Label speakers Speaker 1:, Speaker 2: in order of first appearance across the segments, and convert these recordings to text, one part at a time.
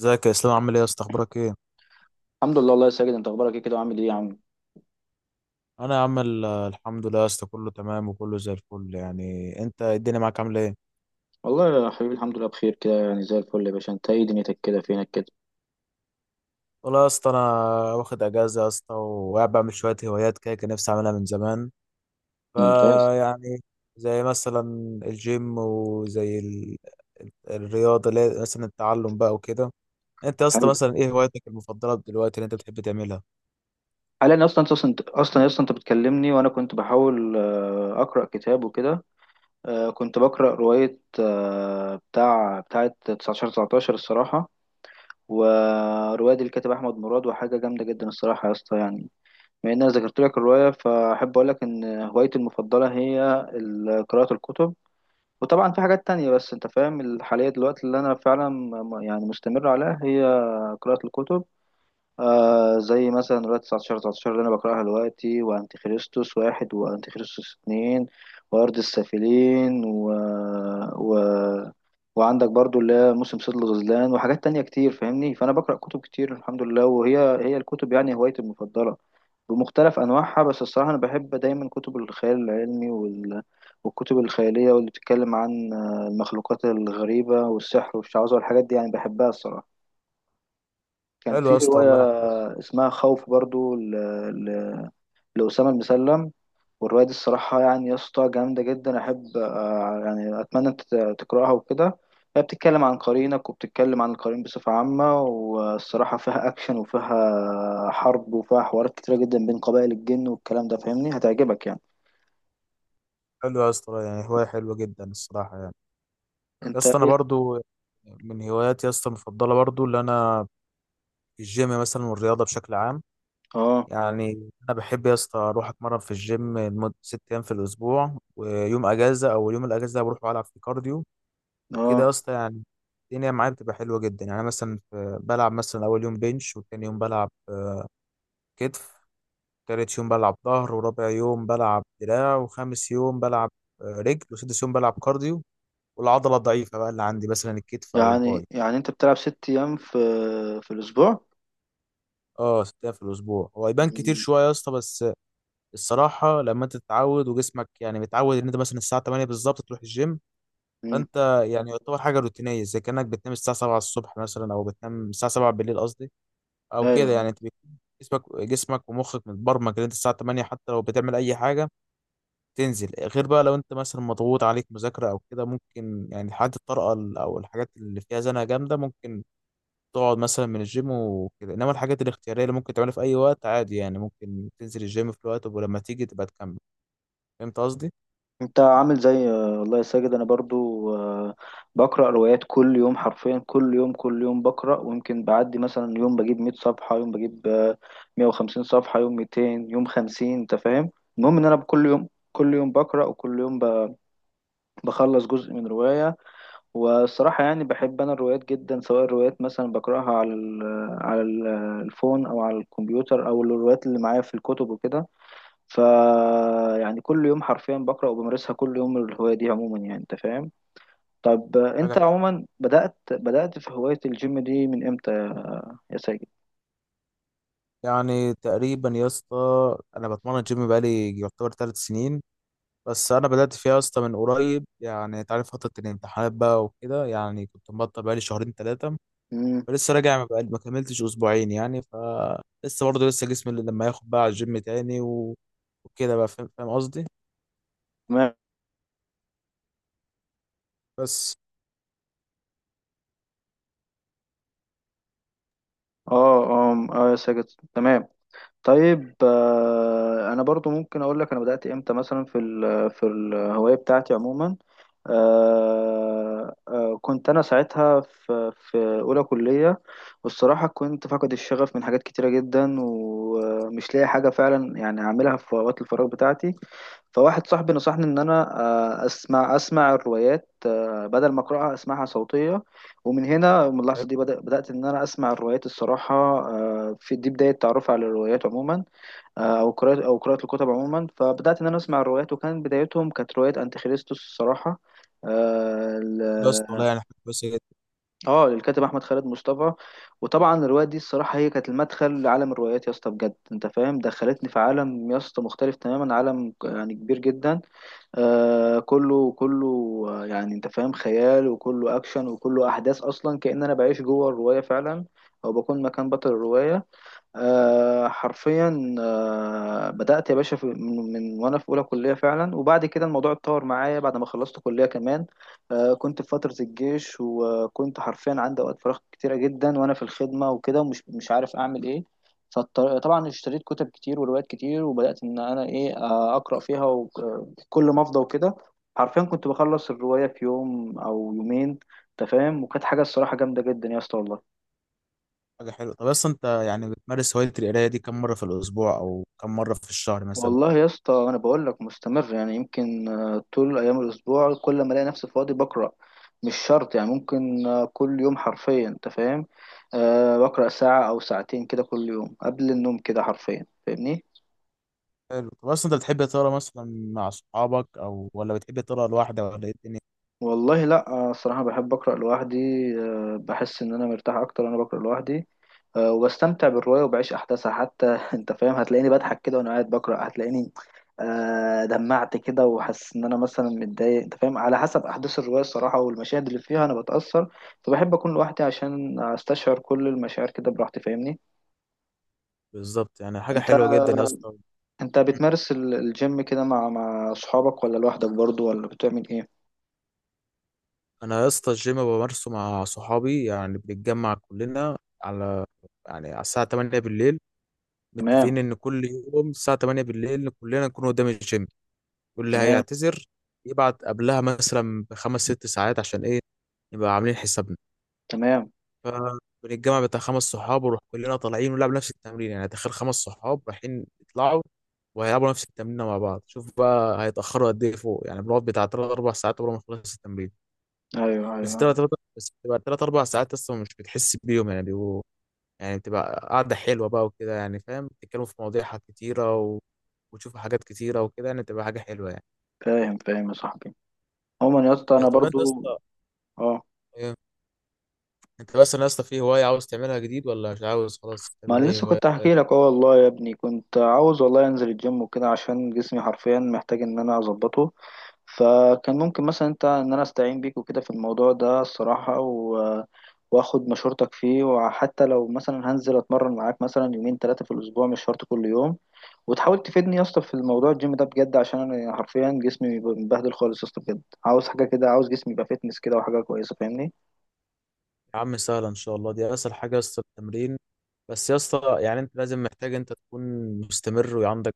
Speaker 1: ازيك يا اسلام، عامل ايه يا اسطى؟ اخبارك ايه؟
Speaker 2: الحمد لله، والله يا ساجد انت اخبارك ايه كده وعامل ايه يا عم؟
Speaker 1: انا يا عم الحمد لله يا اسطى، كله تمام وكله زي الفل. يعني انت الدنيا معاك عامله ايه؟
Speaker 2: والله يا حبيبي الحمد لله بخير كده يعني زي الفل يا باشا. انت ايه دنيتك كده؟ فينك كده؟
Speaker 1: والله يا اسطى انا واخد اجازه يا اسطى، وقاعد بعمل شويه هوايات كده كان نفسي اعملها من زمان.
Speaker 2: ممتاز.
Speaker 1: فيعني زي مثلا الجيم وزي ال... الرياضه اللي هي مثلا التعلم بقى وكده. انت يا اسطى
Speaker 2: حلو.
Speaker 1: مثلا ايه هوايتك المفضله دلوقتي اللي انت بتحب تعملها؟
Speaker 2: حاليا اصلا انت بتكلمني وانا كنت بحاول اقرا كتاب وكده. كنت بقرا روايه بتاع بتاعه 19 19 الصراحه. وروايه دي الكاتب احمد مراد وحاجه جامده جدا الصراحه يا اسطى يعني. بما ان انا ذكرت لك الروايه فاحب اقول لك ان هوايتي المفضله هي قراءه الكتب. وطبعا في حاجات تانية بس انت فاهم الحالية دلوقتي اللي انا فعلا يعني مستمر عليها هي قراءة الكتب. زي مثلا رواية 19 19 اللي أنا بقرأها دلوقتي، وأنتي خريستوس واحد، وأنتي خريستوس اتنين، وأرض السافلين و... وعندك برضو اللي هي موسم صيد الغزلان وحاجات تانية كتير فاهمني. فأنا بقرأ كتب كتير الحمد لله، وهي هي الكتب يعني هوايتي المفضلة، بمختلف أنواعها. بس الصراحة أنا بحب دايما كتب الخيال العلمي والكتب الخيالية واللي بتتكلم عن المخلوقات الغريبة والسحر والشعوذة والحاجات دي يعني بحبها الصراحة. كان
Speaker 1: حلو
Speaker 2: في
Speaker 1: يا اسطى
Speaker 2: رواية
Speaker 1: والله يعني.
Speaker 2: اسمها خوف برضو، ل... لأسامة المسلم. والرواية دي الصراحة يعني يا اسطى جامدة جدا. أحب يعني أتمنى أنت تقرأها وكده. هي بتتكلم عن قرينك وبتتكلم عن القرين بصفة عامة. والصراحة فيها أكشن وفيها حرب وفيها حوارات كتيرة جدا بين قبائل الجن والكلام ده فاهمني، هتعجبك يعني.
Speaker 1: حلو يا اسطى، والله يعني هوايه حلوه جدا الصراحه يعني. يا
Speaker 2: أنت
Speaker 1: اسطى انا
Speaker 2: إيه؟
Speaker 1: برضو من هواياتي يا اسطى المفضله برضو اللي انا الجيم مثلا والرياضه بشكل عام.
Speaker 2: آه.
Speaker 1: يعني انا بحب يا اسطى اروح اتمرن في الجيم لمده ست ايام في الاسبوع، ويوم اجازه او يوم الاجازه ده بروح العب في كارديو. وكده
Speaker 2: آه.
Speaker 1: يا اسطى يعني الدنيا معايا بتبقى حلوه جدا. يعني أنا مثلا بلعب مثلا اول يوم بنش، وتاني يوم بلعب كتف، تالت يوم بلعب ظهر، ورابع يوم بلعب دراع، وخامس يوم بلعب رجل، وسادس يوم بلعب كارديو. والعضله الضعيفه بقى اللي عندي مثلا الكتف او
Speaker 2: يعني
Speaker 1: الباي.
Speaker 2: يعني أنت بتلعب ست أيام في الأسبوع؟
Speaker 1: اه، ست ايام في الاسبوع. هو يبان كتير
Speaker 2: مم.
Speaker 1: شويه يا اسطى، بس الصراحه لما انت تتعود وجسمك يعني متعود ان انت مثلا الساعه 8 بالظبط تروح الجيم،
Speaker 2: مم.
Speaker 1: فانت يعني يعتبر حاجه روتينيه. زي كانك بتنام الساعه 7 الصبح مثلا، او بتنام الساعه 7 بالليل قصدي، او كده.
Speaker 2: أيوه.
Speaker 1: يعني انت بيكون جسمك ومخك متبرمج ان انت الساعه 8 حتى لو بتعمل اي حاجه تنزل. غير بقى لو انت مثلا مضغوط عليك مذاكره او كده، ممكن يعني حالات الطارئه او الحاجات اللي فيها زنقه جامده، ممكن تقعد مثلا من الجيم وكده. انما الحاجات الاختياريه اللي ممكن تعملها في اي وقت عادي، يعني ممكن تنزل الجيم في الوقت ولما تيجي تبقى تكمل. فهمت قصدي؟
Speaker 2: انت عامل زي والله يا ساجد انا برضو بقرا روايات كل يوم، حرفيا كل يوم كل يوم بقرا، ويمكن بعدي مثلا يوم بجيب 100 صفحه، يوم بجيب 150 صفحه، يوم 200، يوم 50. انت فاهم. المهم ان انا كل يوم كل يوم بقرا، وكل يوم بخلص جزء من روايه. والصراحه يعني بحب انا الروايات جدا، سواء الروايات مثلا بقراها على الفون او على الكمبيوتر او الروايات اللي معايا في الكتب وكده. ف يعني كل يوم حرفيا بقرأ وبمارسها كل يوم الهواية دي عموما يعني انت فاهم. طب انت
Speaker 1: حاجه
Speaker 2: عموما بدأت في هواية الجيم دي من امتى يا ساجد؟
Speaker 1: يعني تقريبا يا اسطى انا بتمرن جيم بقالي يعتبر ثلاث سنين، بس انا بدات فيها يا اسطى من قريب. يعني انت عارف فتره الامتحانات بقى وكده، يعني كنت مبطل بقالي شهرين ثلاثه.
Speaker 2: امم.
Speaker 1: فلسه راجع، ما كملتش اسبوعين يعني. فلسه برضه لسه جسمي اللي لما ياخد بقى على الجيم تاني و... وكده بقى. فاهم قصدي؟ بس.
Speaker 2: اه، اه، آه يا ساجد. تمام. طيب انا برضو ممكن اقول لك انا بدأت امتى، مثلا، في الهواية بتاعتي عموما. كنت انا ساعتها في اولى كلية. والصراحة كنت فاقد الشغف من حاجات كتيرة جدا، ومش لاقي حاجة فعلا يعني اعملها في اوقات الفراغ بتاعتي. فواحد صاحبي نصحني ان انا اسمع الروايات بدل ما اقراها اسمعها صوتية. ومن هنا، من اللحظة دي بدأت إن أنا أسمع الروايات الصراحة. في دي بداية تعرفي على الروايات عموما. أو قراءة الكتب عموما. فبدأت إن أنا أسمع الروايات، وكان بدايتهم كانت رواية أنتيخريستوس الصراحة، آه
Speaker 1: بس والله
Speaker 2: ل-
Speaker 1: يعني حاجة كويسة.
Speaker 2: للكاتب أحمد خالد مصطفى. وطبعا الرواية دي الصراحة هي كانت المدخل لعالم الروايات يا اسطى، بجد أنت فاهم دخلتني في عالم يا اسطى مختلف تماما، عالم يعني كبير جدا. كله كله يعني انت فاهم خيال، وكله اكشن، وكله احداث، اصلا كأن انا بعيش جوه الرواية فعلا، او بكون مكان بطل الرواية. حرفيا بدأت يا باشا في من وانا في اولى كلية فعلا، وبعد كده الموضوع اتطور معايا بعد ما خلصت كلية كمان. كنت في فترة الجيش، وكنت حرفيا عندي اوقات فراغ كتيرة جدا وانا في الخدمة وكده، ومش مش عارف اعمل ايه. فطبعا اشتريت كتب كتير وروايات كتير، وبدأت ان انا ايه اقرأ فيها وكل ما افضى وكده. حرفيا كنت بخلص الرواية في يوم او يومين انت فاهم. وكانت حاجة الصراحة جامدة جدا يا اسطى والله.
Speaker 1: حاجة حلوة. طب أصلا أنت يعني بتمارس هواية القراية دي كم مرة في الأسبوع أو كم مرة في الشهر مثلا؟
Speaker 2: والله يا اسطى انا بقول لك مستمر، يعني يمكن طول ايام الاسبوع كل ما الاقي نفسي فاضي بقرا. مش شرط يعني، ممكن كل يوم حرفيا انت فاهم. بقرا ساعه او ساعتين كده كل يوم قبل النوم كده حرفيا فاهمني.
Speaker 1: حلو. طب أصلا أنت بتحب تقرا مثلا مع صحابك أو، ولا بتحب تقرا لوحدك، ولا إيه الدنيا؟
Speaker 2: والله لا. الصراحة بحب أقرأ لوحدي. بحس إن أنا مرتاح أكتر وأنا بقرأ لوحدي. وبستمتع بالرواية وبعيش أحداثها حتى أنت فاهم، هتلاقيني بضحك كده وأنا قاعد بقرأ، هتلاقيني دمعت كده، وحاسس إن أنا مثلا متضايق أنت فاهم، على حسب أحداث الرواية الصراحة والمشاهد اللي فيها أنا بتأثر. فبحب أكون لوحدي عشان أستشعر كل المشاعر كده براحتي فاهمني.
Speaker 1: بالظبط يعني، حاجة
Speaker 2: أنت
Speaker 1: حلوة جدا يا اسطى.
Speaker 2: أنت بتمارس الجيم كده مع أصحابك، ولا لوحدك برضو، ولا بتعمل إيه؟
Speaker 1: أنا يا اسطى الجيم بمارسه مع صحابي. يعني بنتجمع كلنا على يعني على الساعة 8 بالليل.
Speaker 2: تمام.
Speaker 1: متفقين إن كل يوم الساعة 8 بالليل كلنا نكون قدام الجيم، واللي
Speaker 2: تمام.
Speaker 1: هيعتذر يبعت قبلها مثلا بخمس ست ساعات عشان إيه نبقى عاملين حسابنا.
Speaker 2: تمام.
Speaker 1: فبنتجمع بتاع خمس صحاب ونروح كلنا طالعين ونلعب نفس التمرين. يعني تخيل خمس صحاب رايحين يطلعوا وهيلعبوا نفس التمرين مع بعض، شوف بقى هيتأخروا قد ايه فوق. يعني بنقعد بتاع تلات أربع ساعات قبل ما نخلص التمرين.
Speaker 2: أيوه، أيوه،
Speaker 1: بس تلات
Speaker 2: أيوه.
Speaker 1: تلات بس بتبقى تلات أربع ساعات أصلا مش بتحس بيهم يعني. بيبقوا يعني بتبقى قعدة حلوة بقى وكده يعني، فاهم؟ بتتكلموا في مواضيع، حاجات كتيرة و... وتشوفوا حاجات كتيرة وكده، يعني بتبقى حاجة حلوة يعني.
Speaker 2: فاهم، فاهم يا صاحبي. عموما يا اسطى انا
Speaker 1: طب أنت
Speaker 2: برضو
Speaker 1: يا اسطى
Speaker 2: اه
Speaker 1: إيه؟ أنت مثلا يا اسطى في هواية عاوز تعملها جديد، ولا مش عاوز خلاص
Speaker 2: ما
Speaker 1: تعمل
Speaker 2: انا
Speaker 1: أي
Speaker 2: لسه
Speaker 1: هواية؟
Speaker 2: كنت احكي لك. اه والله يا ابني كنت عاوز، والله، انزل الجيم وكده عشان جسمي حرفيا محتاج ان انا اظبطه. فكان ممكن مثلا انت ان انا استعين بيك وكده في الموضوع ده الصراحة واخد مشورتك فيه، وحتى لو مثلا هنزل اتمرن معاك مثلا يومين ثلاثة في الاسبوع، مش شرط كل يوم. وتحاول تفيدني يا اسطى في الموضوع الجيم ده بجد، عشان انا حرفيا جسمي مبهدل خالص يا اسطى بجد، عاوز حاجة كده، عاوز جسمي يبقى فيتنس كده وحاجة كويسة فاهمني.
Speaker 1: يا عم سهلة إن شاء الله، دي أسهل حاجة يا اسطى التمرين. بس يا اسطى يعني أنت لازم، محتاج أنت تكون مستمر وعندك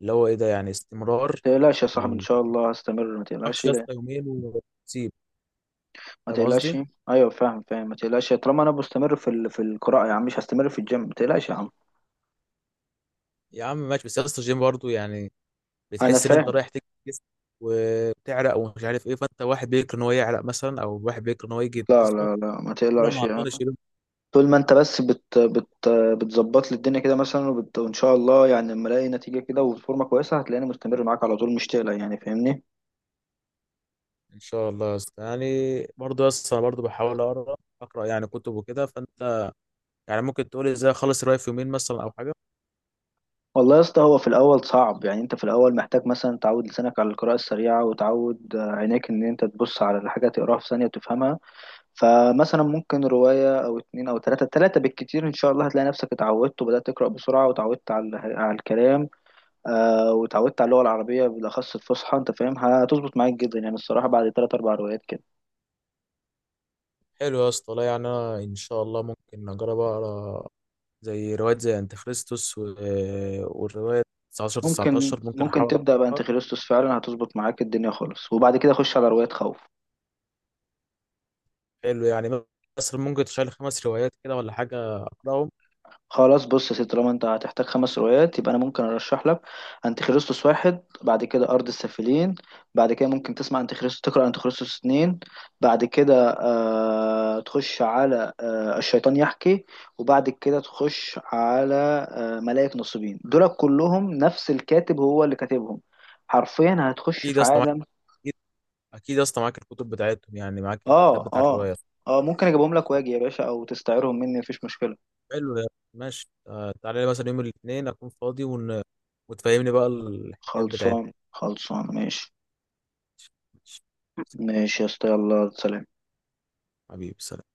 Speaker 1: اللي هو إيه ده يعني استمرار.
Speaker 2: تقلقش يا
Speaker 1: في
Speaker 2: صاحبي ان
Speaker 1: ال-
Speaker 2: شاء
Speaker 1: في
Speaker 2: الله هستمر، ما تقلقش
Speaker 1: الوحش يا
Speaker 2: لا.
Speaker 1: اسطى يومين وتسيب.
Speaker 2: ما
Speaker 1: فاهم
Speaker 2: تقلقش.
Speaker 1: قصدي؟
Speaker 2: ايوه فاهم، فاهم، ما تقلقش، طالما انا مستمر في القراءه يا عم، مش هستمر في الجيم، ما تقلقش يا عم.
Speaker 1: يا عم ماشي، بس يا اسطى الجيم برضه يعني
Speaker 2: انا
Speaker 1: بتحس إن أنت
Speaker 2: فاهم.
Speaker 1: رايح تكسب جسم وبتعرق ومش عارف إيه. فأنت واحد بيكره إن هو يعرق مثلا، أو واحد بيكره إن هو يجي
Speaker 2: لا،
Speaker 1: جسمه
Speaker 2: لا، لا، ما
Speaker 1: يقول أنا
Speaker 2: تقلقش
Speaker 1: عطلان
Speaker 2: يعني.
Speaker 1: الشيلون.
Speaker 2: طول ما انت بس بت بت بتظبط لي الدنيا كده مثلا، وان شاء الله يعني لما الاقي نتيجه كده وفورمه كويسه هتلاقيني مستمر معاك على طول مش تقلق يعني فاهمني.
Speaker 1: إن شاء الله يا اسطى يعني. برضه يا اسطى أنا برضه بحاول أقرأ يعني كتب وكده. فأنت يعني ممكن تقول إزاي أخلص الرايف في يومين مثلا أو حاجة؟
Speaker 2: والله يا اسطى هو في الاول صعب، يعني انت في الاول محتاج مثلا تعود لسانك على القراءه السريعه، وتعود عينيك ان انت تبص على الحاجه تقراها في ثانيه وتفهمها. فمثلا ممكن رواية أو اتنين أو تلاتة، تلاتة بالكتير إن شاء الله هتلاقي نفسك اتعودت، وبدأت تقرأ بسرعة، وتعودت على الكلام. وتعودت على اللغة العربية بالأخص الفصحى أنت فاهم، هتظبط معاك جدا يعني الصراحة بعد تلات أربع روايات كده.
Speaker 1: حلو يا اسطى. لا يعني انا ان شاء الله ممكن اجرب اقرا زي روايات زي انت خريستوس و... والروايه 19
Speaker 2: ممكن
Speaker 1: 19 ممكن
Speaker 2: ممكن
Speaker 1: احاول
Speaker 2: تبدأ بقى
Speaker 1: اقراها.
Speaker 2: أنت خريستوس، فعلا هتظبط معاك الدنيا خالص، وبعد كده خش على رواية خوف.
Speaker 1: حلو يعني. مثلا ممكن تشيل خمس روايات كده ولا حاجه اقراهم؟
Speaker 2: خلاص بص يا سيدي، طالما انت هتحتاج خمس روايات، يبقى انا ممكن ارشح لك انتيخريستوس واحد، بعد كده ارض السافلين، بعد كده ممكن تسمع انتيخريستوس، تقرا انتيخريستوس اتنين، بعد كده تخش على الشيطان يحكي، وبعد كده تخش على ملائك نصيبين. دول كلهم نفس الكاتب هو اللي كاتبهم. حرفيا هتخش
Speaker 1: اكيد يا
Speaker 2: في
Speaker 1: اسطى معاك.
Speaker 2: عالم.
Speaker 1: اكيد. اكيد يا اسطى معاك الكتب بتاعتهم، يعني معاك الكتاب
Speaker 2: اه،
Speaker 1: بتاع
Speaker 2: اه،
Speaker 1: الروايه.
Speaker 2: اه، ممكن اجيبهم لك واجي يا باشا، او تستعيرهم مني مفيش مشكله.
Speaker 1: حلو يا ماشي. تعالى لي مثلا يوم الاثنين اكون فاضي وتفهمني بقى الحكايات بتاعتك.
Speaker 2: خلصان، خلصان، ماشي.
Speaker 1: ماشي.
Speaker 2: ماشي يا اسطى، يلا سلام.
Speaker 1: حبيبي، سلام.